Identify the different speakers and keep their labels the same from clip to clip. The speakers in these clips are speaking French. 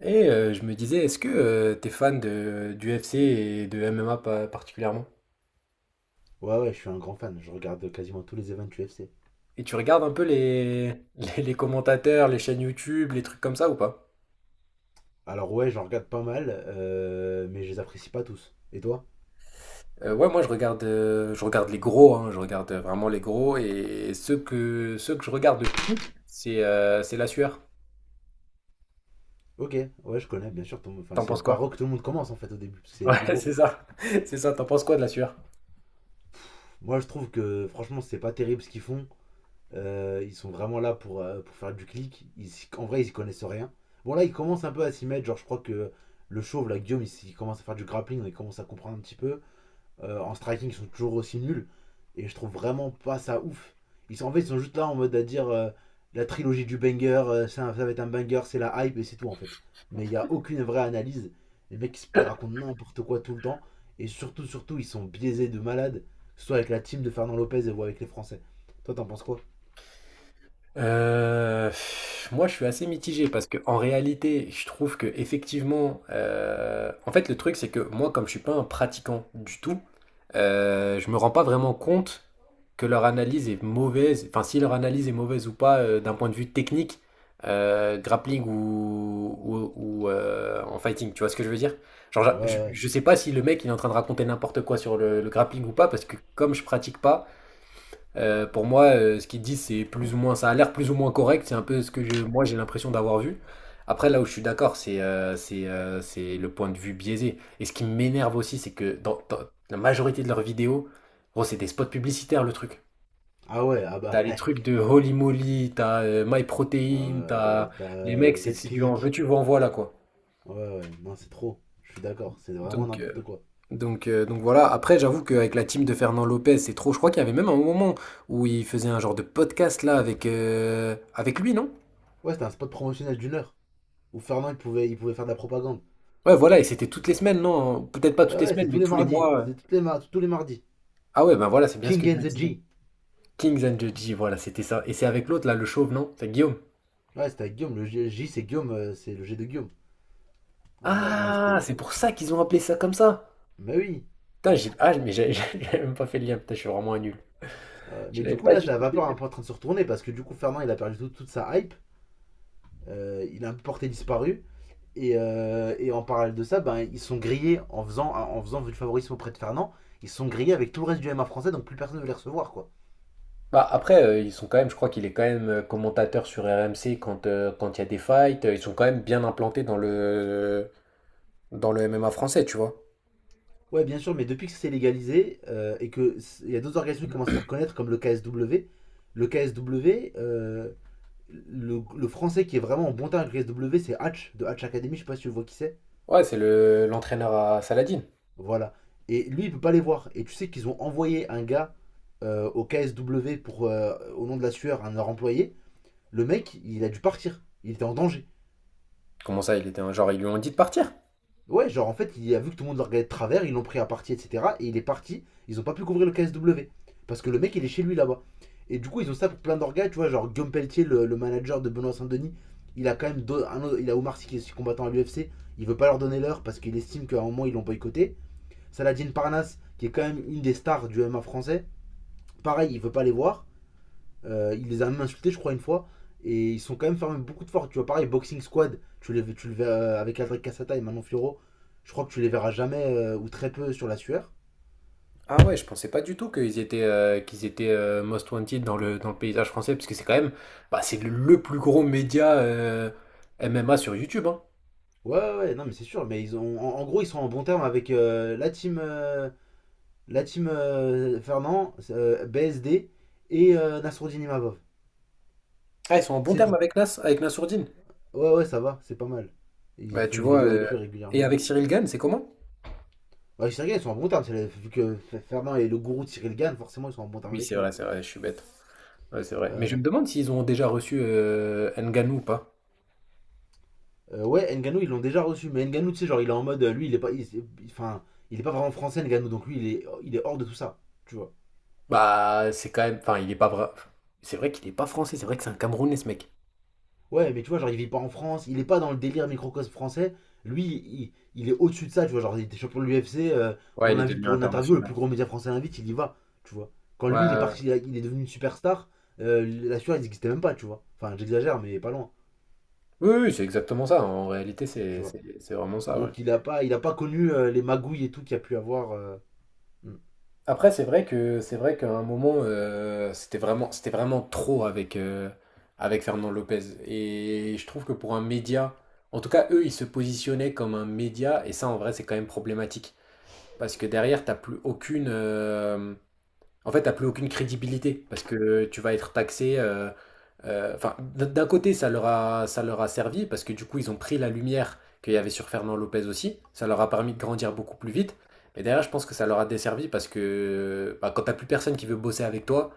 Speaker 1: Je me disais, est-ce que tu t'es fan de, du d'UFC et de MMA particulièrement?
Speaker 2: Ouais, ouais, je suis un grand fan. Je regarde quasiment tous les events UFC.
Speaker 1: Et tu regardes un peu les commentateurs, les chaînes YouTube, les trucs comme ça ou pas?
Speaker 2: Alors, ouais, j'en regarde pas mal, mais je les apprécie pas tous. Et toi?
Speaker 1: Ouais, moi je regarde les gros, hein, je regarde vraiment les gros et ceux que je regarde le plus, c'est la sueur.
Speaker 2: Ok, ouais, je connais, bien sûr. Enfin,
Speaker 1: T'en
Speaker 2: c'est
Speaker 1: penses
Speaker 2: par
Speaker 1: quoi?
Speaker 2: eux que tout le monde commence en fait au début, parce que c'est les plus
Speaker 1: Ouais,
Speaker 2: gros.
Speaker 1: c'est ça. C'est ça, t'en penses quoi de la sueur?
Speaker 2: Moi, je trouve que franchement, c'est pas terrible ce qu'ils font. Ils sont vraiment là pour faire du clic. En vrai, ils y connaissent rien. Bon, là, ils commencent un peu à s'y mettre. Genre, je crois que le chauve, là, Guillaume, il commence à faire du grappling, il commence à comprendre un petit peu. En striking ils sont toujours aussi nuls. Et je trouve vraiment pas ça ouf. Ils sont juste là en mode à dire la trilogie du banger, ça, ça va être un banger, c'est la hype et c'est tout en fait. Mais il n'y a aucune vraie analyse. Les mecs ils se racontent n'importe quoi tout le temps. Et surtout, surtout, ils sont biaisés de malades. Que ce soit avec la team de Fernand Lopez ou avec les Français. Toi, t'en penses quoi?
Speaker 1: Euh, Moi, je suis assez mitigé parce que en réalité, je trouve que effectivement, en fait, le truc c'est que moi, comme je suis pas un pratiquant du tout, je me rends pas vraiment compte que leur analyse est mauvaise. Enfin, si leur analyse est mauvaise ou pas, d'un point de vue technique, grappling ou en fighting. Tu vois ce que je veux dire? Genre,
Speaker 2: Ouais, ouais.
Speaker 1: je sais pas si le mec il est en train de raconter n'importe quoi sur le grappling ou pas parce que comme je pratique pas. Pour moi, ce qu'ils disent, c'est plus ou moins, ça a l'air plus ou moins correct. C'est un peu ce que moi, j'ai l'impression d'avoir vu. Après, là où je suis d'accord, c'est le point de vue biaisé. Et ce qui m'énerve aussi, c'est que dans la majorité de leurs vidéos, gros, c'est des spots publicitaires, le truc.
Speaker 2: Ah ouais, ah
Speaker 1: T'as
Speaker 2: bah.
Speaker 1: les trucs de Holy Moly, t'as MyProtein, t'as
Speaker 2: Ouais,
Speaker 1: les
Speaker 2: t'as
Speaker 1: mecs, c'est du en
Speaker 2: Betclic.
Speaker 1: veux-tu, en voilà quoi.
Speaker 2: Ouais, ouais, non, c'est trop. Je suis d'accord, c'est vraiment
Speaker 1: Donc, euh,
Speaker 2: n'importe quoi.
Speaker 1: donc voilà. Après, j'avoue qu'avec la team de Fernand Lopez, c'est trop. Je crois qu'il y avait même un moment où il faisait un genre de podcast là avec lui, non?
Speaker 2: Ouais, c'était un spot promotionnel d'une heure, où Fernand il pouvait faire de la propagande.
Speaker 1: Ouais, voilà, et c'était toutes les semaines, non? Peut-être pas
Speaker 2: Ouais,
Speaker 1: toutes les
Speaker 2: ouais,
Speaker 1: semaines,
Speaker 2: c'était tous
Speaker 1: mais
Speaker 2: les
Speaker 1: tous les
Speaker 2: mardis.
Speaker 1: mois.
Speaker 2: C'était tous les mardis.
Speaker 1: Ah ouais, ben voilà, c'est bien ce que
Speaker 2: King
Speaker 1: je
Speaker 2: and
Speaker 1: me
Speaker 2: the
Speaker 1: disais.
Speaker 2: G.
Speaker 1: Kings and Judgy, voilà, c'était ça. Et c'est avec l'autre, là, le chauve, non? C'est Guillaume.
Speaker 2: Ouais, c'était avec Guillaume. C'est Guillaume, c'est le G de Guillaume. Ouais, non,
Speaker 1: Ah,
Speaker 2: c'était.
Speaker 1: c'est pour ça qu'ils ont appelé ça comme ça.
Speaker 2: Mais oui.
Speaker 1: Putain, Ah, mais j'ai j'avais même pas fait le lien. Putain, je suis vraiment un nul.
Speaker 2: Mais
Speaker 1: Je l'avais
Speaker 2: du coup,
Speaker 1: pas
Speaker 2: là,
Speaker 1: du
Speaker 2: la
Speaker 1: tout fait
Speaker 2: vapeur est
Speaker 1: le
Speaker 2: un
Speaker 1: lien.
Speaker 2: peu en train de se retourner parce que du coup, Fernand il a perdu tout- toute sa hype. Il a porté disparu. Et en parallèle de ça, ben, ils sont grillés en faisant du favorisme auprès de Fernand. Ils sont grillés avec tout le reste du m MMA français, donc plus personne ne veut les recevoir, quoi.
Speaker 1: Bah, après, ils sont quand même, je crois qu'il est quand même commentateur sur RMC quand il y a des fights. Ils sont quand même bien implantés dans dans le MMA français, tu vois.
Speaker 2: Ouais, bien sûr, mais depuis que c'est légalisé et il y a d'autres organisations qui commencent à se faire connaître, comme le KSW, le KSW, euh, le français qui est vraiment en bon terme avec le KSW, c'est Hatch, de Hatch Academy, je sais pas si tu vois qui c'est.
Speaker 1: Ouais, c'est le l'entraîneur à Saladin.
Speaker 2: Voilà. Et lui, il peut pas les voir. Et tu sais qu'ils ont envoyé un gars au KSW pour, au nom de la sueur, un de leur employé. Le mec, il a dû partir. Il était en danger.
Speaker 1: Comment ça, il était un genre, ils lui ont dit de partir?
Speaker 2: Ouais, genre en fait, il a vu que tout le monde le regardait de travers, ils l'ont pris à partie, etc. Et il est parti, ils ont pas pu couvrir le KSW. Parce que le mec, il est chez lui là-bas. Et du coup, ils ont ça pour plein d'orgas, tu vois, genre Guillaume Pelletier, le manager de Benoît Saint-Denis, il a quand même deux- un autre- il a Omar Sy qui est combattant à l'UFC, il veut pas leur donner l'heure parce qu'il estime qu'à un moment ils l'ont boycotté. Saladin Parnasse, qui est quand même une des stars du MMA français, pareil, il veut pas les voir. Il les a même insultés, je crois, une fois. Et ils sont quand même fermés beaucoup de force. Tu vois, pareil, Boxing Squad, tu le verras avec Aldric Cassata et Manon Fioro. Je crois que tu les verras jamais ou très peu sur la sueur.
Speaker 1: Ah ouais, je pensais pas du tout qu'ils étaient most wanted dans dans le paysage français, parce que c'est quand même, bah, c'est le plus gros média MMA sur YouTube, hein.
Speaker 2: Ouais, ouais, ouais, non, mais c'est sûr. Mais ils ont, en, en gros, ils sont en bon terme avec la team Fernand, BSD et Nassourdine Imavov.
Speaker 1: Ah, ils sont en bon
Speaker 2: C'est
Speaker 1: terme
Speaker 2: tout.
Speaker 1: avec avec Nassourdine.
Speaker 2: Ouais, ouais, ça va, c'est pas mal. Ils
Speaker 1: Bah
Speaker 2: font
Speaker 1: tu
Speaker 2: des
Speaker 1: vois,
Speaker 2: vidéos avec lui
Speaker 1: et
Speaker 2: régulièrement.
Speaker 1: avec Cyril Gann, c'est comment?
Speaker 2: Ouais, Cyril Gann, ils sont en bon terme. Fernand est le gourou de Cyril Gann, forcément, ils sont en bon terme
Speaker 1: Oui,
Speaker 2: avec lui.
Speaker 1: c'est vrai, je suis bête. Ouais, c'est
Speaker 2: Ouais,
Speaker 1: vrai. Mais je
Speaker 2: ouais.
Speaker 1: me demande s'ils ont déjà reçu Ngannou ou pas.
Speaker 2: Ouais, Ngannou ils l'ont déjà reçu. Mais Ngannou tu sais, genre, il est en mode. Lui, il est pas. Il- Enfin, il est pas vraiment français, Ngannou. Donc, lui, il est hors de tout ça. Tu vois.
Speaker 1: Bah c'est quand même, enfin il est pas vrai. C'est vrai qu'il est pas français, c'est vrai que c'est un Camerounais ce mec.
Speaker 2: Ouais, mais tu vois, genre, il vit pas en France. Il est pas dans le délire microcosme français. Lui, il est au-dessus de ça. Tu vois, genre, il était champion de l'UFC. On
Speaker 1: Ouais, il est
Speaker 2: l'invite
Speaker 1: devenu
Speaker 2: pour une interview. Le
Speaker 1: international.
Speaker 2: plus gros média français l'invite. Il y va. Tu vois. Quand
Speaker 1: Ouais,
Speaker 2: lui, il est
Speaker 1: ouais.
Speaker 2: parti. Il est devenu une superstar. La sueur, elle n'existait même pas. Tu vois. Enfin, j'exagère, mais pas loin.
Speaker 1: Oui, oui, c'est exactement ça. En réalité,
Speaker 2: Tu vois.
Speaker 1: c'est vraiment ça, ouais.
Speaker 2: Donc, il a pas connu les magouilles et tout qu'il y a pu avoir.
Speaker 1: Après, c'est vrai que c'est vrai qu'à un moment, c'était vraiment trop avec Fernand Lopez. Et je trouve que pour un média, en tout cas, eux, ils se positionnaient comme un média, et ça, en vrai, c'est quand même problématique. Parce que derrière, t'as plus aucune crédibilité parce que tu vas être taxé. Enfin, d'un côté, ça leur a servi parce que du coup, ils ont pris la lumière qu'il y avait sur Fernand Lopez aussi. Ça leur a permis de grandir beaucoup plus vite. Mais derrière, je pense que ça leur a desservi parce que bah, quand t'as plus personne qui veut bosser avec toi,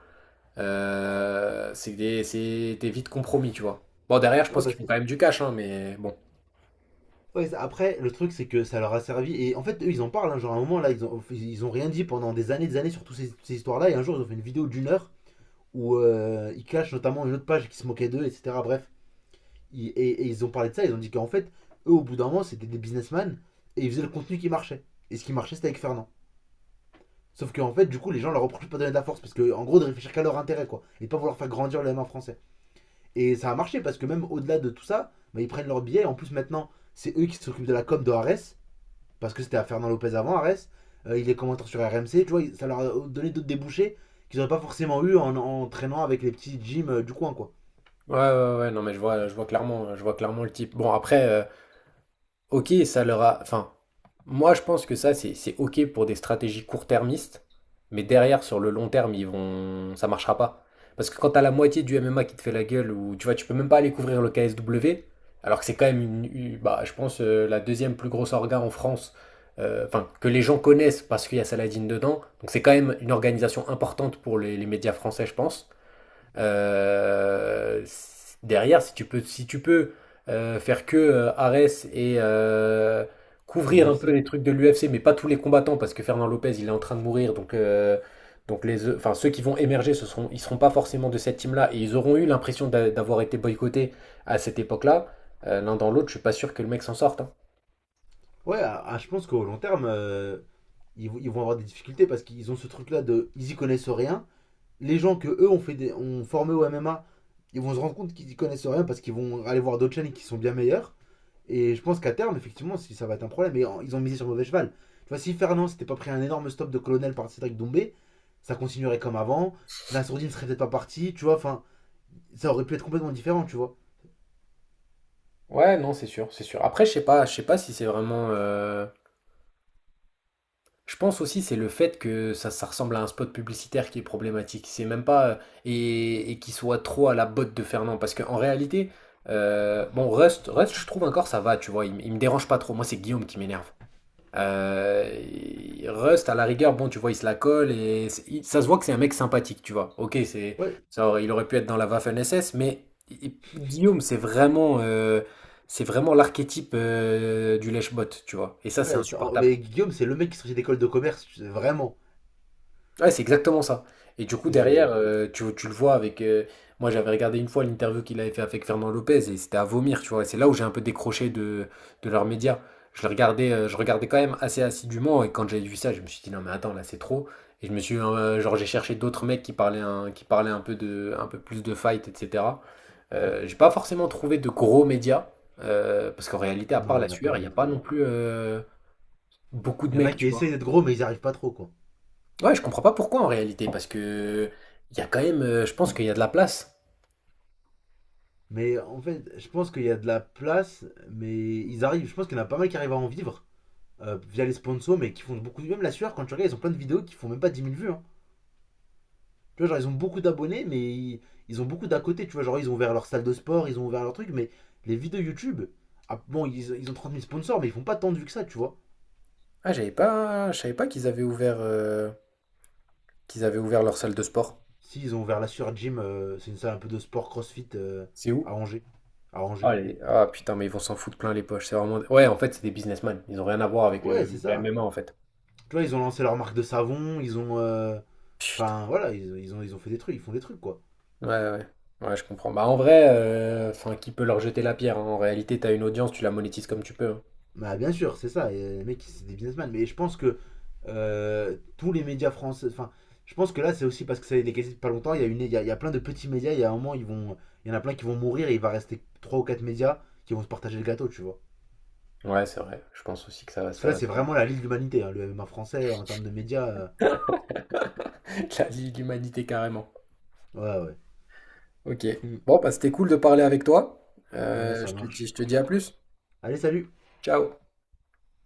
Speaker 1: t'es vite compromis, tu vois. Bon, derrière, je
Speaker 2: Ouais,
Speaker 1: pense
Speaker 2: bah
Speaker 1: qu'ils font
Speaker 2: c'est.
Speaker 1: quand même du cash, hein, mais bon.
Speaker 2: Ouais, après, le truc, c'est que ça leur a servi. Et en fait, eux, ils en parlent, hein. Genre, à un moment, là, ils ont rien dit pendant des années sur toutes ces histoires-là. Et un jour, ils ont fait une vidéo d'une heure où ils clashent notamment une autre page qui se moquait d'eux, etc. Bref. Et ils ont parlé de ça. Ils ont dit qu'en fait, eux, au bout d'un moment, c'était des businessmen et ils faisaient le contenu qui marchait. Et ce qui marchait, c'était avec Fernand. Sauf qu'en fait, du coup, les gens leur reprochent de pas donner de la force parce que, en gros, de réfléchir qu'à leur intérêt, quoi. Et de pas vouloir faire grandir le M1 français. Et ça a marché parce que même au-delà de tout ça, bah, ils prennent leur billet. En plus, maintenant, c'est eux qui s'occupent de la com de Ares. Parce que c'était à Fernand Lopez avant, Arès. Il est commentateur sur RMC, tu vois, ça leur a donné d'autres débouchés qu'ils n'auraient pas forcément eu en, en traînant avec les petits gyms du coin, quoi.
Speaker 1: Ouais, ouais, ouais, non, mais je vois, je vois clairement le type. Bon, après. Ok, ça leur a. Enfin, moi je pense que ça c'est ok pour des stratégies court-termistes, mais derrière sur le long terme ça marchera pas. Parce que quand t'as la moitié du MMA qui te fait la gueule ou tu vois tu peux même pas aller couvrir le KSW, alors que c'est quand même bah je pense la deuxième plus grosse orga en France, enfin que les gens connaissent parce qu'il y a Saladin dedans, donc c'est quand même une organisation importante pour les médias français je pense. Euh, Derrière, si tu peux faire que Ares et
Speaker 2: Et
Speaker 1: couvrir un peu
Speaker 2: l'UFC.
Speaker 1: les trucs de l'UFC, mais pas tous les combattants, parce que Fernand Lopez, il est en train de mourir, donc enfin, ceux qui vont émerger, ils seront pas forcément de cette team-là, et ils auront eu l'impression d'avoir été boycottés à cette époque-là. L'un dans l'autre, je suis pas sûr que le mec s'en sorte, hein.
Speaker 2: Ouais, ah, ah, je pense qu'au long terme, ils vont avoir des difficultés parce qu'ils ont ce truc-là de. Ils y connaissent rien. Les gens que eux ont, fait des, ont formé au MMA, ils vont se rendre compte qu'ils y connaissent rien parce qu'ils vont aller voir d'autres chaînes qui sont bien meilleures. Et je pense qu'à terme, effectivement, si ça va être un problème. Et ils ont misé sur le mauvais cheval. Tu vois, si Fernand s'était pas pris un énorme stop de colonel par Cédric Doumbé, ça continuerait comme avant. Nassourdine serait peut-être pas parti, tu vois. Enfin, ça aurait pu être complètement différent, tu vois.
Speaker 1: Ouais, non, c'est sûr, c'est sûr. Après, je sais pas si c'est vraiment. Je pense aussi c'est le fait que ça ressemble à un spot publicitaire qui est problématique. C'est même pas, et qui soit trop à la botte de Fernand parce qu'en réalité, bon Rust je trouve encore ça va, tu vois, il me dérange pas trop. Moi c'est Guillaume qui m'énerve. Et Rust à la rigueur, bon tu vois il se la colle et ça se voit que c'est un mec sympathique, tu vois. Ok c'est
Speaker 2: Ouais,
Speaker 1: ça, il aurait pu être dans la Waffen-SS, mais Guillaume c'est vraiment l'archétype du lèche-botte, tu vois. Et ça c'est
Speaker 2: ouais. Oh,
Speaker 1: insupportable.
Speaker 2: mais Guillaume, c'est le mec qui sortit d'école de commerce, tu sais, vraiment.
Speaker 1: Ouais, c'est exactement ça. Et du coup, derrière,
Speaker 2: C'est.
Speaker 1: tu le vois avec. Moi, j'avais regardé une fois l'interview qu'il avait fait avec Fernand Lopez et c'était à vomir, tu vois. Et c'est là où j'ai un peu décroché de leurs médias. Je regardais quand même assez assidûment et quand j'ai vu ça, je me suis dit non, mais attends, là, c'est trop. Et je me suis. Genre, j'ai cherché d'autres mecs qui parlaient qui parlaient un peu, un peu plus de fight, etc. J'ai pas forcément trouvé de gros médias parce qu'en réalité, à part
Speaker 2: Non,
Speaker 1: la
Speaker 2: il n'y en a pas
Speaker 1: sueur, il n'y a
Speaker 2: d'autres
Speaker 1: pas non
Speaker 2: gros.
Speaker 1: plus beaucoup de
Speaker 2: Il y en a
Speaker 1: mecs,
Speaker 2: qui
Speaker 1: tu vois.
Speaker 2: essayent d'être gros, mais ils n'y arrivent pas trop, quoi.
Speaker 1: Ouais, je comprends pas pourquoi en réalité, parce que il y a quand même, je pense qu'il y a de la place.
Speaker 2: Mais en fait, je pense qu'il y a de la place, mais ils arrivent. Je pense qu'il y en a pas mal qui arrivent à en vivre via les sponsors, mais qui font beaucoup. Même la sueur, quand tu regardes, ils ont plein de vidéos qui font même pas 10 000 vues, hein. Tu vois, genre, ils ont beaucoup d'abonnés, mais ils ont beaucoup d'à côté. Tu vois, genre, ils ont ouvert leur salle de sport, ils ont ouvert leur truc, mais les vidéos YouTube, ah, bon, ils ont 30 000 sponsors, mais ils font pas tant de vues que ça, tu vois.
Speaker 1: Ah, j'avais pas, je savais pas qu'ils avaient ouvert leur salle de sport.
Speaker 2: Si, ils ont ouvert la Sur Gym, c'est une salle un peu de sport crossfit
Speaker 1: C'est où?
Speaker 2: à Angers. À Angers.
Speaker 1: Ah, putain, mais ils vont s'en foutre plein les poches. C'est vraiment, ouais, en fait, c'est des businessmen. Ils ont rien à voir avec
Speaker 2: Ouais, c'est
Speaker 1: le
Speaker 2: ça.
Speaker 1: MMA en fait.
Speaker 2: Tu vois, ils ont lancé leur marque de savon, ils ont.
Speaker 1: Putain.
Speaker 2: Enfin, voilà, ils ont fait des trucs, ils font des trucs, quoi.
Speaker 1: Ouais, ouais. Ouais, je comprends. Bah en vrai, enfin, qui peut leur jeter la pierre, hein. En réalité, t'as une audience, tu la monétises comme tu peux, hein.
Speaker 2: Bah, bien sûr, c'est ça. Et les mecs, c'est des businessmen. Mais je pense que tous les médias français. Enfin, je pense que là, c'est aussi parce que ça a été cassé depuis pas longtemps. Il y a plein de petits médias. Il y a un moment, il y en a plein qui vont mourir et il va rester 3 ou 4 médias qui vont se partager le gâteau, tu vois.
Speaker 1: Ouais, c'est vrai. Je pense aussi que ça,
Speaker 2: Parce que
Speaker 1: ça
Speaker 2: là,
Speaker 1: va
Speaker 2: c'est
Speaker 1: se faire.
Speaker 2: vraiment la Ligue de l'humanité, hein, le MMA français, en termes de médias.
Speaker 1: La Ligue de l'humanité carrément.
Speaker 2: Ouais, ouais.
Speaker 1: Ok.
Speaker 2: Mm.
Speaker 1: Bon, bah, c'était cool de parler avec toi.
Speaker 2: Ouais,
Speaker 1: Euh,
Speaker 2: ça
Speaker 1: je te dis,
Speaker 2: marche.
Speaker 1: je te dis à plus.
Speaker 2: Allez, salut!
Speaker 1: Ciao.